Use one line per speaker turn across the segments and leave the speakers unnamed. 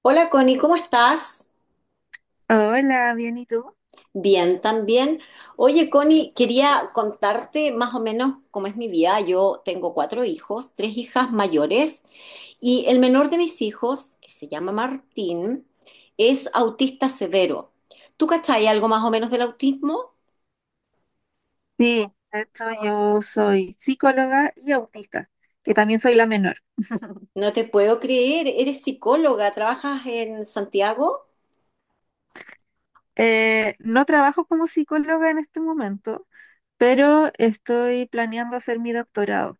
Hola Connie, ¿cómo estás?
Hola, bien, ¿y tú?
Bien, también. Oye Connie, quería contarte más o menos cómo es mi vida. Yo tengo cuatro hijos, tres hijas mayores y el menor de mis hijos, que se llama Martín, es autista severo. ¿Tú cachai algo más o menos del autismo?
Sí, de hecho yo soy psicóloga y autista, y también soy la menor.
No te puedo creer, eres psicóloga, trabajas en Santiago.
No trabajo como psicóloga en este momento, pero estoy planeando hacer mi doctorado.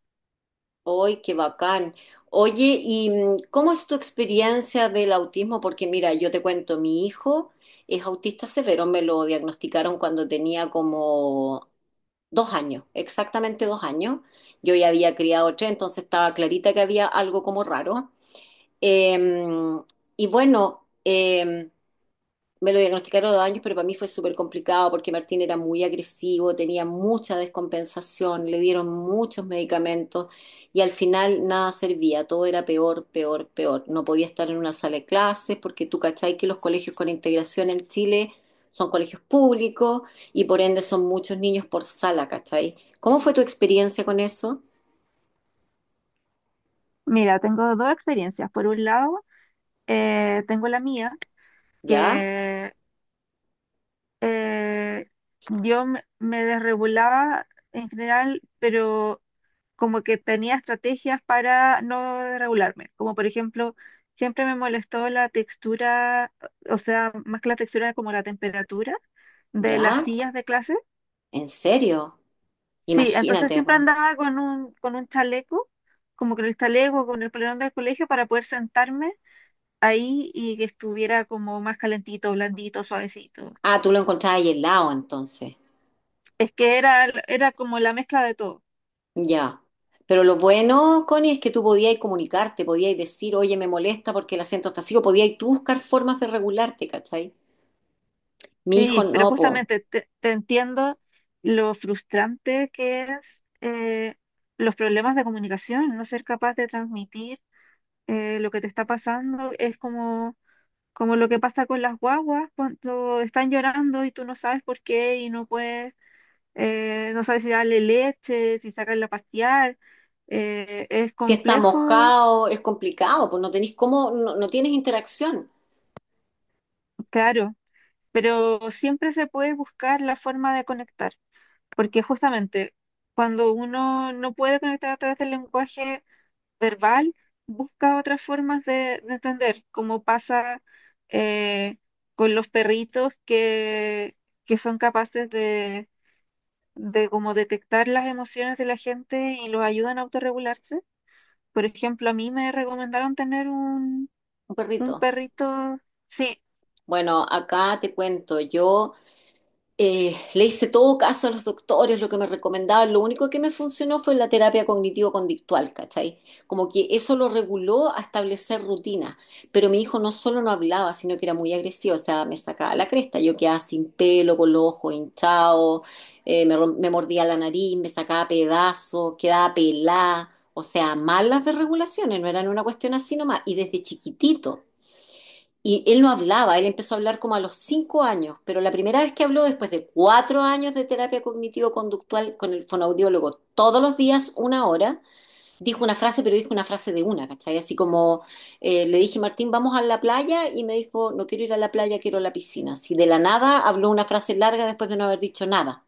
¡Ay, qué bacán! Oye, ¿y cómo es tu experiencia del autismo? Porque mira, yo te cuento, mi hijo es autista severo, me lo diagnosticaron cuando tenía como 2 años, exactamente 2 años. Yo ya había criado tres, entonces estaba clarita que había algo como raro. Em, y bueno, me lo diagnosticaron a los 2 años, pero para mí fue súper complicado porque Martín era muy agresivo, tenía mucha descompensación, le dieron muchos medicamentos y al final nada servía, todo era peor, peor, peor. No podía estar en una sala de clases porque tú cachai que los colegios con integración en Chile son colegios públicos y por ende son muchos niños por sala, ¿cachai? ¿Cómo fue tu experiencia con eso?
Mira, tengo dos experiencias. Por un lado, tengo la mía,
¿Ya?
que eh, yo me desregulaba en general, pero como que tenía estrategias para no regularme, como por ejemplo, siempre me molestó la textura, o sea, más que la textura, era como la temperatura de las
¿Ya?
sillas de clase.
¿En serio?
Sí, entonces
Imagínate,
siempre
po.
andaba con un chaleco, como con el chaleco, con el polerón del colegio para poder sentarme ahí y que estuviera como más calentito, blandito, suavecito.
Ah, tú lo encontrabas ahí helado entonces.
Es que era como la mezcla de todo.
Ya. Pero lo bueno, Connie, es que tú podías comunicarte, podías decir, oye, me molesta porque el acento está así, o podías tú buscar formas de regularte, ¿cachai? Mi hijo
Sí, pero
no, po.
justamente te entiendo lo frustrante que es, los problemas de comunicación, no ser capaz de transmitir lo que te está pasando. Es como lo que pasa con las guaguas cuando están llorando y tú no sabes por qué y no puedes, no sabes si darle leche, si sacarla a pasear. Es
Si está
complejo,
mojado, es complicado, pues no tenés cómo, no, no tienes interacción,
claro, pero siempre se puede buscar la forma de conectar. Porque justamente cuando uno no puede conectar a través del lenguaje verbal, busca otras formas de entender, como pasa, eh, con los perritos que son capaces de como detectar las emociones de la gente y los ayudan a autorregularse. Por ejemplo, a mí me recomendaron tener
un
un
perrito.
perrito, sí,
Bueno, acá te cuento, yo le hice todo caso a los doctores, lo que me recomendaban. Lo único que me funcionó fue la terapia cognitivo-conductual, ¿cachai? Como que eso lo reguló a establecer rutinas. Pero mi hijo no solo no hablaba, sino que era muy agresivo, o sea, me sacaba la cresta. Yo quedaba sin pelo, con los ojos hinchados, me mordía la nariz, me sacaba pedazos, quedaba pelada. O sea, malas desregulaciones, no eran una cuestión así nomás. Y desde chiquitito. Y él no hablaba, él empezó a hablar como a los 5 años, pero la primera vez que habló, después de 4 años de terapia cognitivo-conductual con el fonoaudiólogo, todos los días 1 hora, dijo una frase, pero dijo una frase de una, ¿cachai? Así como le dije, Martín, vamos a la playa, y me dijo, no quiero ir a la playa, quiero a la piscina. Así de la nada habló una frase larga después de no haber dicho nada.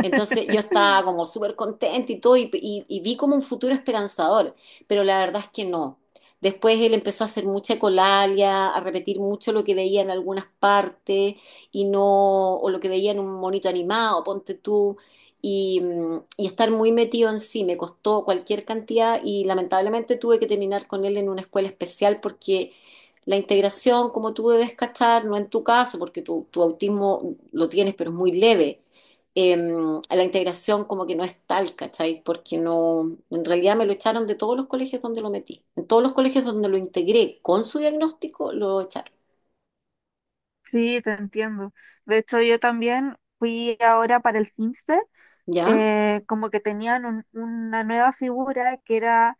Entonces yo estaba como súper contenta y todo y vi como un futuro esperanzador, pero la verdad es que no. Después él empezó a hacer mucha ecolalia, a repetir mucho lo que veía en algunas partes y no, o lo que veía en un monito animado, ponte tú, y estar muy metido en sí, me costó cualquier cantidad y lamentablemente tuve que terminar con él en una escuela especial porque la integración, como tú debes cachar, no en tu caso, porque tu autismo lo tienes, pero es muy leve la integración como que no es tal, ¿cachai? Porque no, en realidad me lo echaron de todos los colegios donde lo metí. En todos los colegios donde lo integré con su diagnóstico, lo echaron.
sí, te entiendo. De hecho, yo también fui ahora para el CINSE,
¿Ya?
como que tenían una nueva figura que era,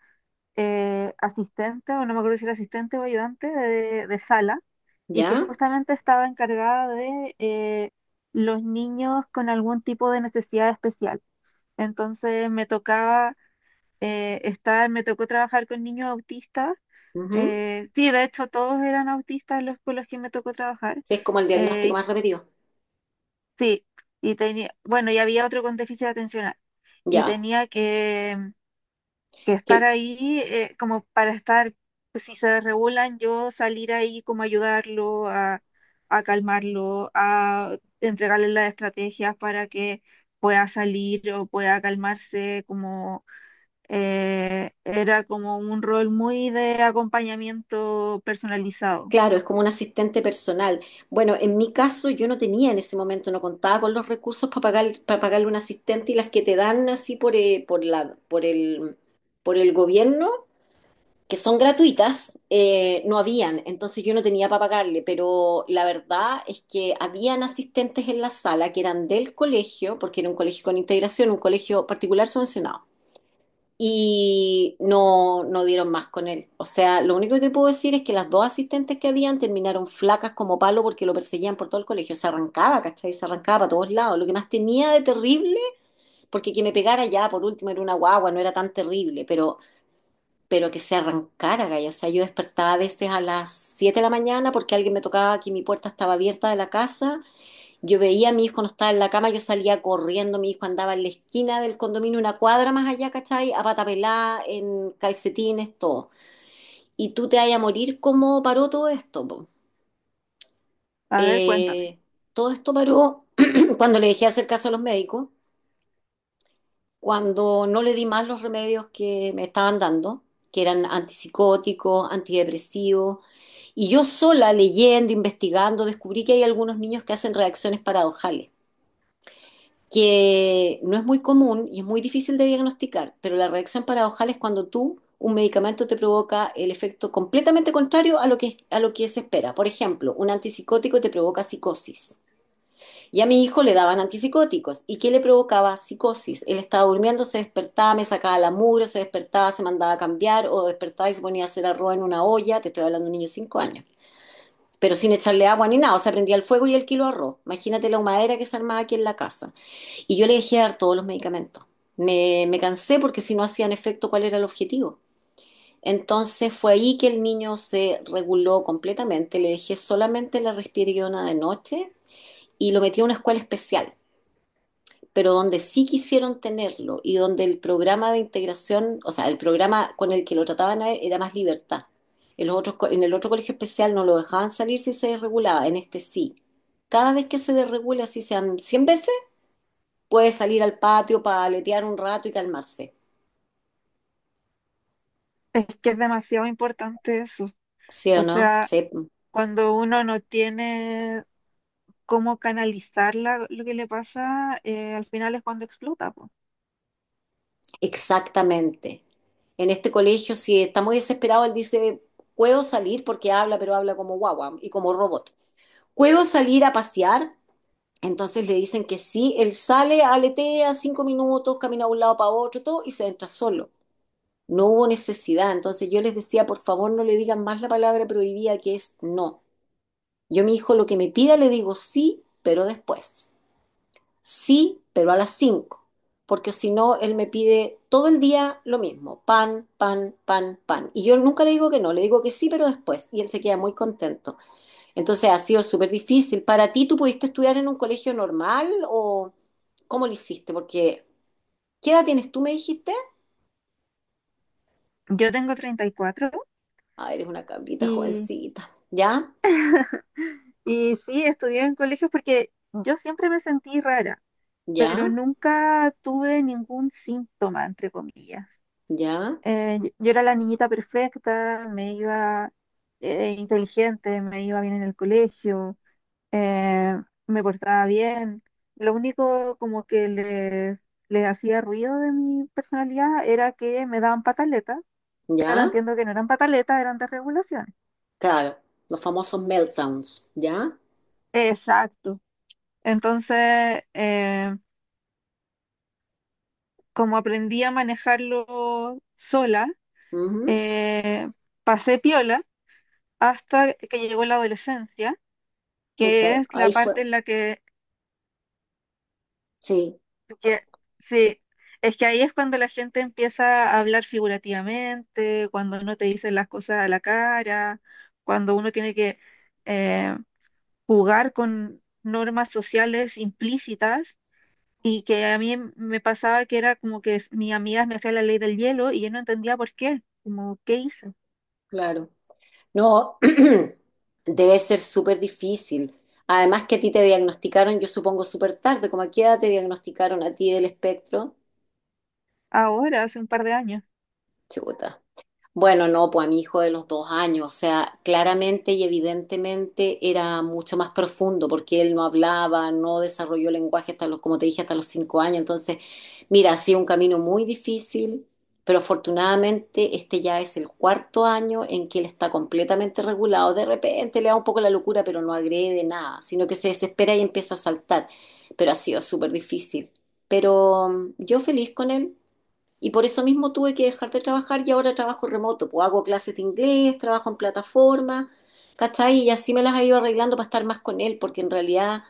asistente, o no me acuerdo si era asistente o ayudante de sala, y que
¿Ya?
justamente estaba encargada de los niños con algún tipo de necesidad especial. Entonces me tocaba Me tocó trabajar con niños autistas.
Ujú.
Sí, de hecho todos eran autistas los con los que me tocó trabajar.
Que es como el diagnóstico
eh,
más repetido.
Sí, y bueno, y había otro con déficit atencional, y
Ya.
tenía que
Que,
estar ahí, como para estar, pues, si se desregulan, yo salir ahí como ayudarlo a calmarlo, a entregarle las estrategias para que pueda salir o pueda calmarse, como era como un rol muy de acompañamiento personalizado.
claro, es como un asistente personal. Bueno, en mi caso yo no tenía en ese momento, no contaba con los recursos para pagar, para pagarle un asistente y las que te dan así por, por el gobierno que son gratuitas, no habían, entonces yo no tenía para pagarle, pero la verdad es que habían asistentes en la sala que eran del colegio, porque era un colegio con integración, un colegio particular subvencionado, y no, no dieron más con él. O sea, lo único que te puedo decir es que las dos asistentes que habían terminaron flacas como palo porque lo perseguían por todo el colegio, se arrancaba, ¿cachai? Se arrancaba para todos lados. Lo que más tenía de terrible, porque que me pegara ya, por último, era una guagua, no era tan terrible, pero que se arrancara, Gaya. O sea, yo despertaba a veces a las 7 de la mañana porque alguien me tocaba que mi puerta estaba abierta de la casa. Yo veía a mi hijo no estaba en la cama, yo salía corriendo, mi hijo andaba en la esquina del condominio, una cuadra más allá, ¿cachai? A pata pelá, en calcetines, todo. Y tú te vayas a morir, ¿cómo paró todo esto, po?
A ver, cuéntame.
Eh, todo esto paró cuando le dejé hacer caso a los médicos cuando no le di más los remedios que me estaban dando, que eran antipsicóticos, antidepresivos, y yo sola leyendo, investigando, descubrí que hay algunos niños que hacen reacciones paradojales, que no es muy común y es muy difícil de diagnosticar, pero la reacción paradojal es cuando tú, un medicamento te provoca el efecto completamente contrario a lo que, se espera. Por ejemplo, un antipsicótico te provoca psicosis. Y a mi hijo le daban antipsicóticos. ¿Y qué le provocaba? Psicosis. Él estaba durmiendo, se despertaba, me sacaba la mugre, se despertaba, se mandaba a cambiar o despertaba y se ponía a hacer arroz en una olla. Te estoy hablando de un niño de 5 años. Pero sin echarle agua ni nada. O sea, prendía el fuego y el kilo de arroz. Imagínate la humadera que se armaba aquí en la casa. Y yo le dejé de dar todos los medicamentos. Me cansé porque si no hacían efecto, ¿cuál era el objetivo? Entonces fue ahí que el niño se reguló completamente. Le dejé solamente la risperidona de noche y lo metí a una escuela especial pero donde sí quisieron tenerlo y donde el programa de integración, o sea, el programa con el que lo trataban a él era más libertad. En el otro colegio especial no lo dejaban salir si se desregulaba, en este sí. Cada vez que se desregula, si sean 100 veces, puede salir al patio para aletear un rato y calmarse.
Es que es demasiado importante eso.
¿Sí
O
o no?
sea,
Sí,
cuando uno no tiene cómo canalizar lo que le pasa, al final es cuando explota, po.
exactamente. En este colegio, si está muy desesperado, él dice, puedo salir porque habla, pero habla como guagua y como robot. ¿Puedo salir a pasear? Entonces le dicen que sí, él sale, aletea 5 minutos, camina de un lado para otro, todo, y se entra solo. No hubo necesidad. Entonces yo les decía, por favor, no le digan más la palabra prohibida que es no. Yo a mi hijo lo que me pida le digo sí, pero después. Sí, pero a las 5. Porque si no, él me pide todo el día lo mismo, pan, pan, pan, pan. Y yo nunca le digo que no, le digo que sí, pero después. Y él se queda muy contento. Entonces ha sido súper difícil. ¿Para ti tú pudiste estudiar en un colegio normal o cómo lo hiciste? Porque, ¿qué edad tienes tú, me dijiste?
Yo tengo 34 y, cuatro,
Ah, eres una cabrita
y
jovencita. ¿Ya?
y sí, estudié en colegios porque yo siempre me sentí rara, pero
¿Ya?
nunca tuve ningún síntoma, entre comillas.
¿Ya?
Yo era la niñita perfecta, me iba, inteligente, me iba bien en el colegio, eh, me portaba bien. Lo único como que les hacía ruido de mi personalidad era que me daban pataletas, que ahora
¿Ya?
entiendo que no eran pataletas, eran desregulaciones.
Claro, los famosos meltdowns. ¿Ya?
Exacto. Entonces, como aprendí a manejarlo sola,
Ujú.
eh, pasé piola hasta que llegó la adolescencia, que
Pucha,
es la
ahí fue.
parte en la que
Sí,
que- sí, es que ahí es cuando la gente empieza a hablar figurativamente, cuando no te dicen las cosas a la cara, cuando uno tiene que, eh, jugar con normas sociales implícitas, y que a mí me pasaba que era como que mis amigas me hacían la ley del hielo y yo no entendía por qué, como qué hice.
claro. No, debe ser súper difícil. Además que a ti te diagnosticaron, yo supongo, súper tarde. ¿Cómo a qué edad te diagnosticaron a ti del espectro?
Ahora, hace un par de años.
Chuta. Bueno, no, pues a mi hijo de los 2 años, o sea, claramente y evidentemente era mucho más profundo porque él no hablaba, no desarrolló lenguaje hasta los, como te dije, hasta los 5 años. Entonces, mira, ha sido un camino muy difícil, pero afortunadamente este ya es el cuarto año en que él está completamente regulado. De repente le da un poco la locura, pero no agrede nada, sino que se desespera y empieza a saltar. Pero ha sido súper difícil. Pero yo feliz con él. Y por eso mismo tuve que dejar de trabajar y ahora trabajo remoto. Pues hago clases de inglés, trabajo en plataforma, ¿cachai? Y así me las he ido arreglando para estar más con él, porque en realidad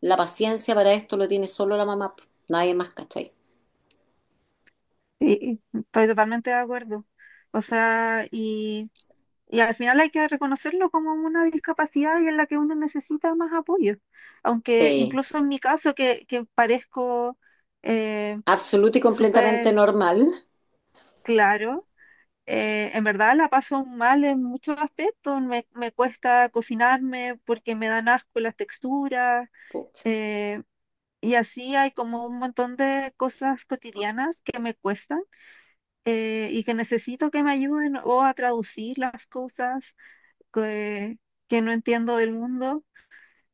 la paciencia para esto lo tiene solo la mamá, pues, nadie más, ¿cachai?
Sí, estoy totalmente de acuerdo. O sea, y al final hay que reconocerlo como una discapacidad, y en la que uno necesita más apoyo. Aunque
Sí,
incluso en mi caso, que parezco, eh,
absoluto y completamente
súper,
normal.
claro, en verdad la paso mal en muchos aspectos. Me cuesta cocinarme porque me dan asco las texturas.
Puta.
eh, y así hay como un montón de cosas cotidianas que me cuestan, y que necesito que me ayuden o a traducir las cosas que, que no entiendo del mundo,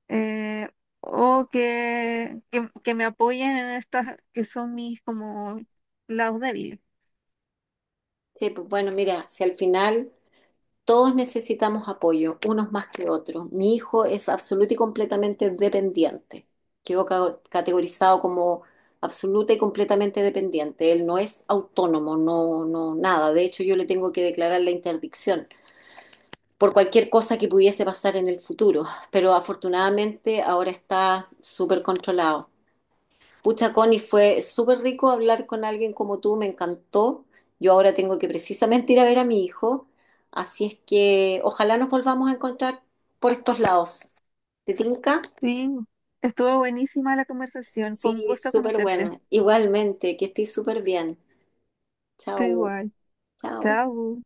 eh, o que me apoyen en estas que son mis como lados débiles.
Sí, pues bueno, mira, si al final todos necesitamos apoyo, unos más que otros. Mi hijo es absoluto y completamente dependiente. Categorizado como absoluta y completamente dependiente. Él no es autónomo, no, no, nada. De hecho, yo le tengo que declarar la interdicción por cualquier cosa que pudiese pasar en el futuro. Pero afortunadamente ahora está súper controlado. Pucha, Connie, fue súper rico hablar con alguien como tú, me encantó. Yo ahora tengo que precisamente ir a ver a mi hijo, así es que ojalá nos volvamos a encontrar por estos lados. ¿Te tinca?
Sí, estuvo buenísima la conversación, fue un
Sí,
gusto
súper
conocerte.
buena. Igualmente, que estés súper bien.
Tú
Chao,
igual.
chao.
Chao.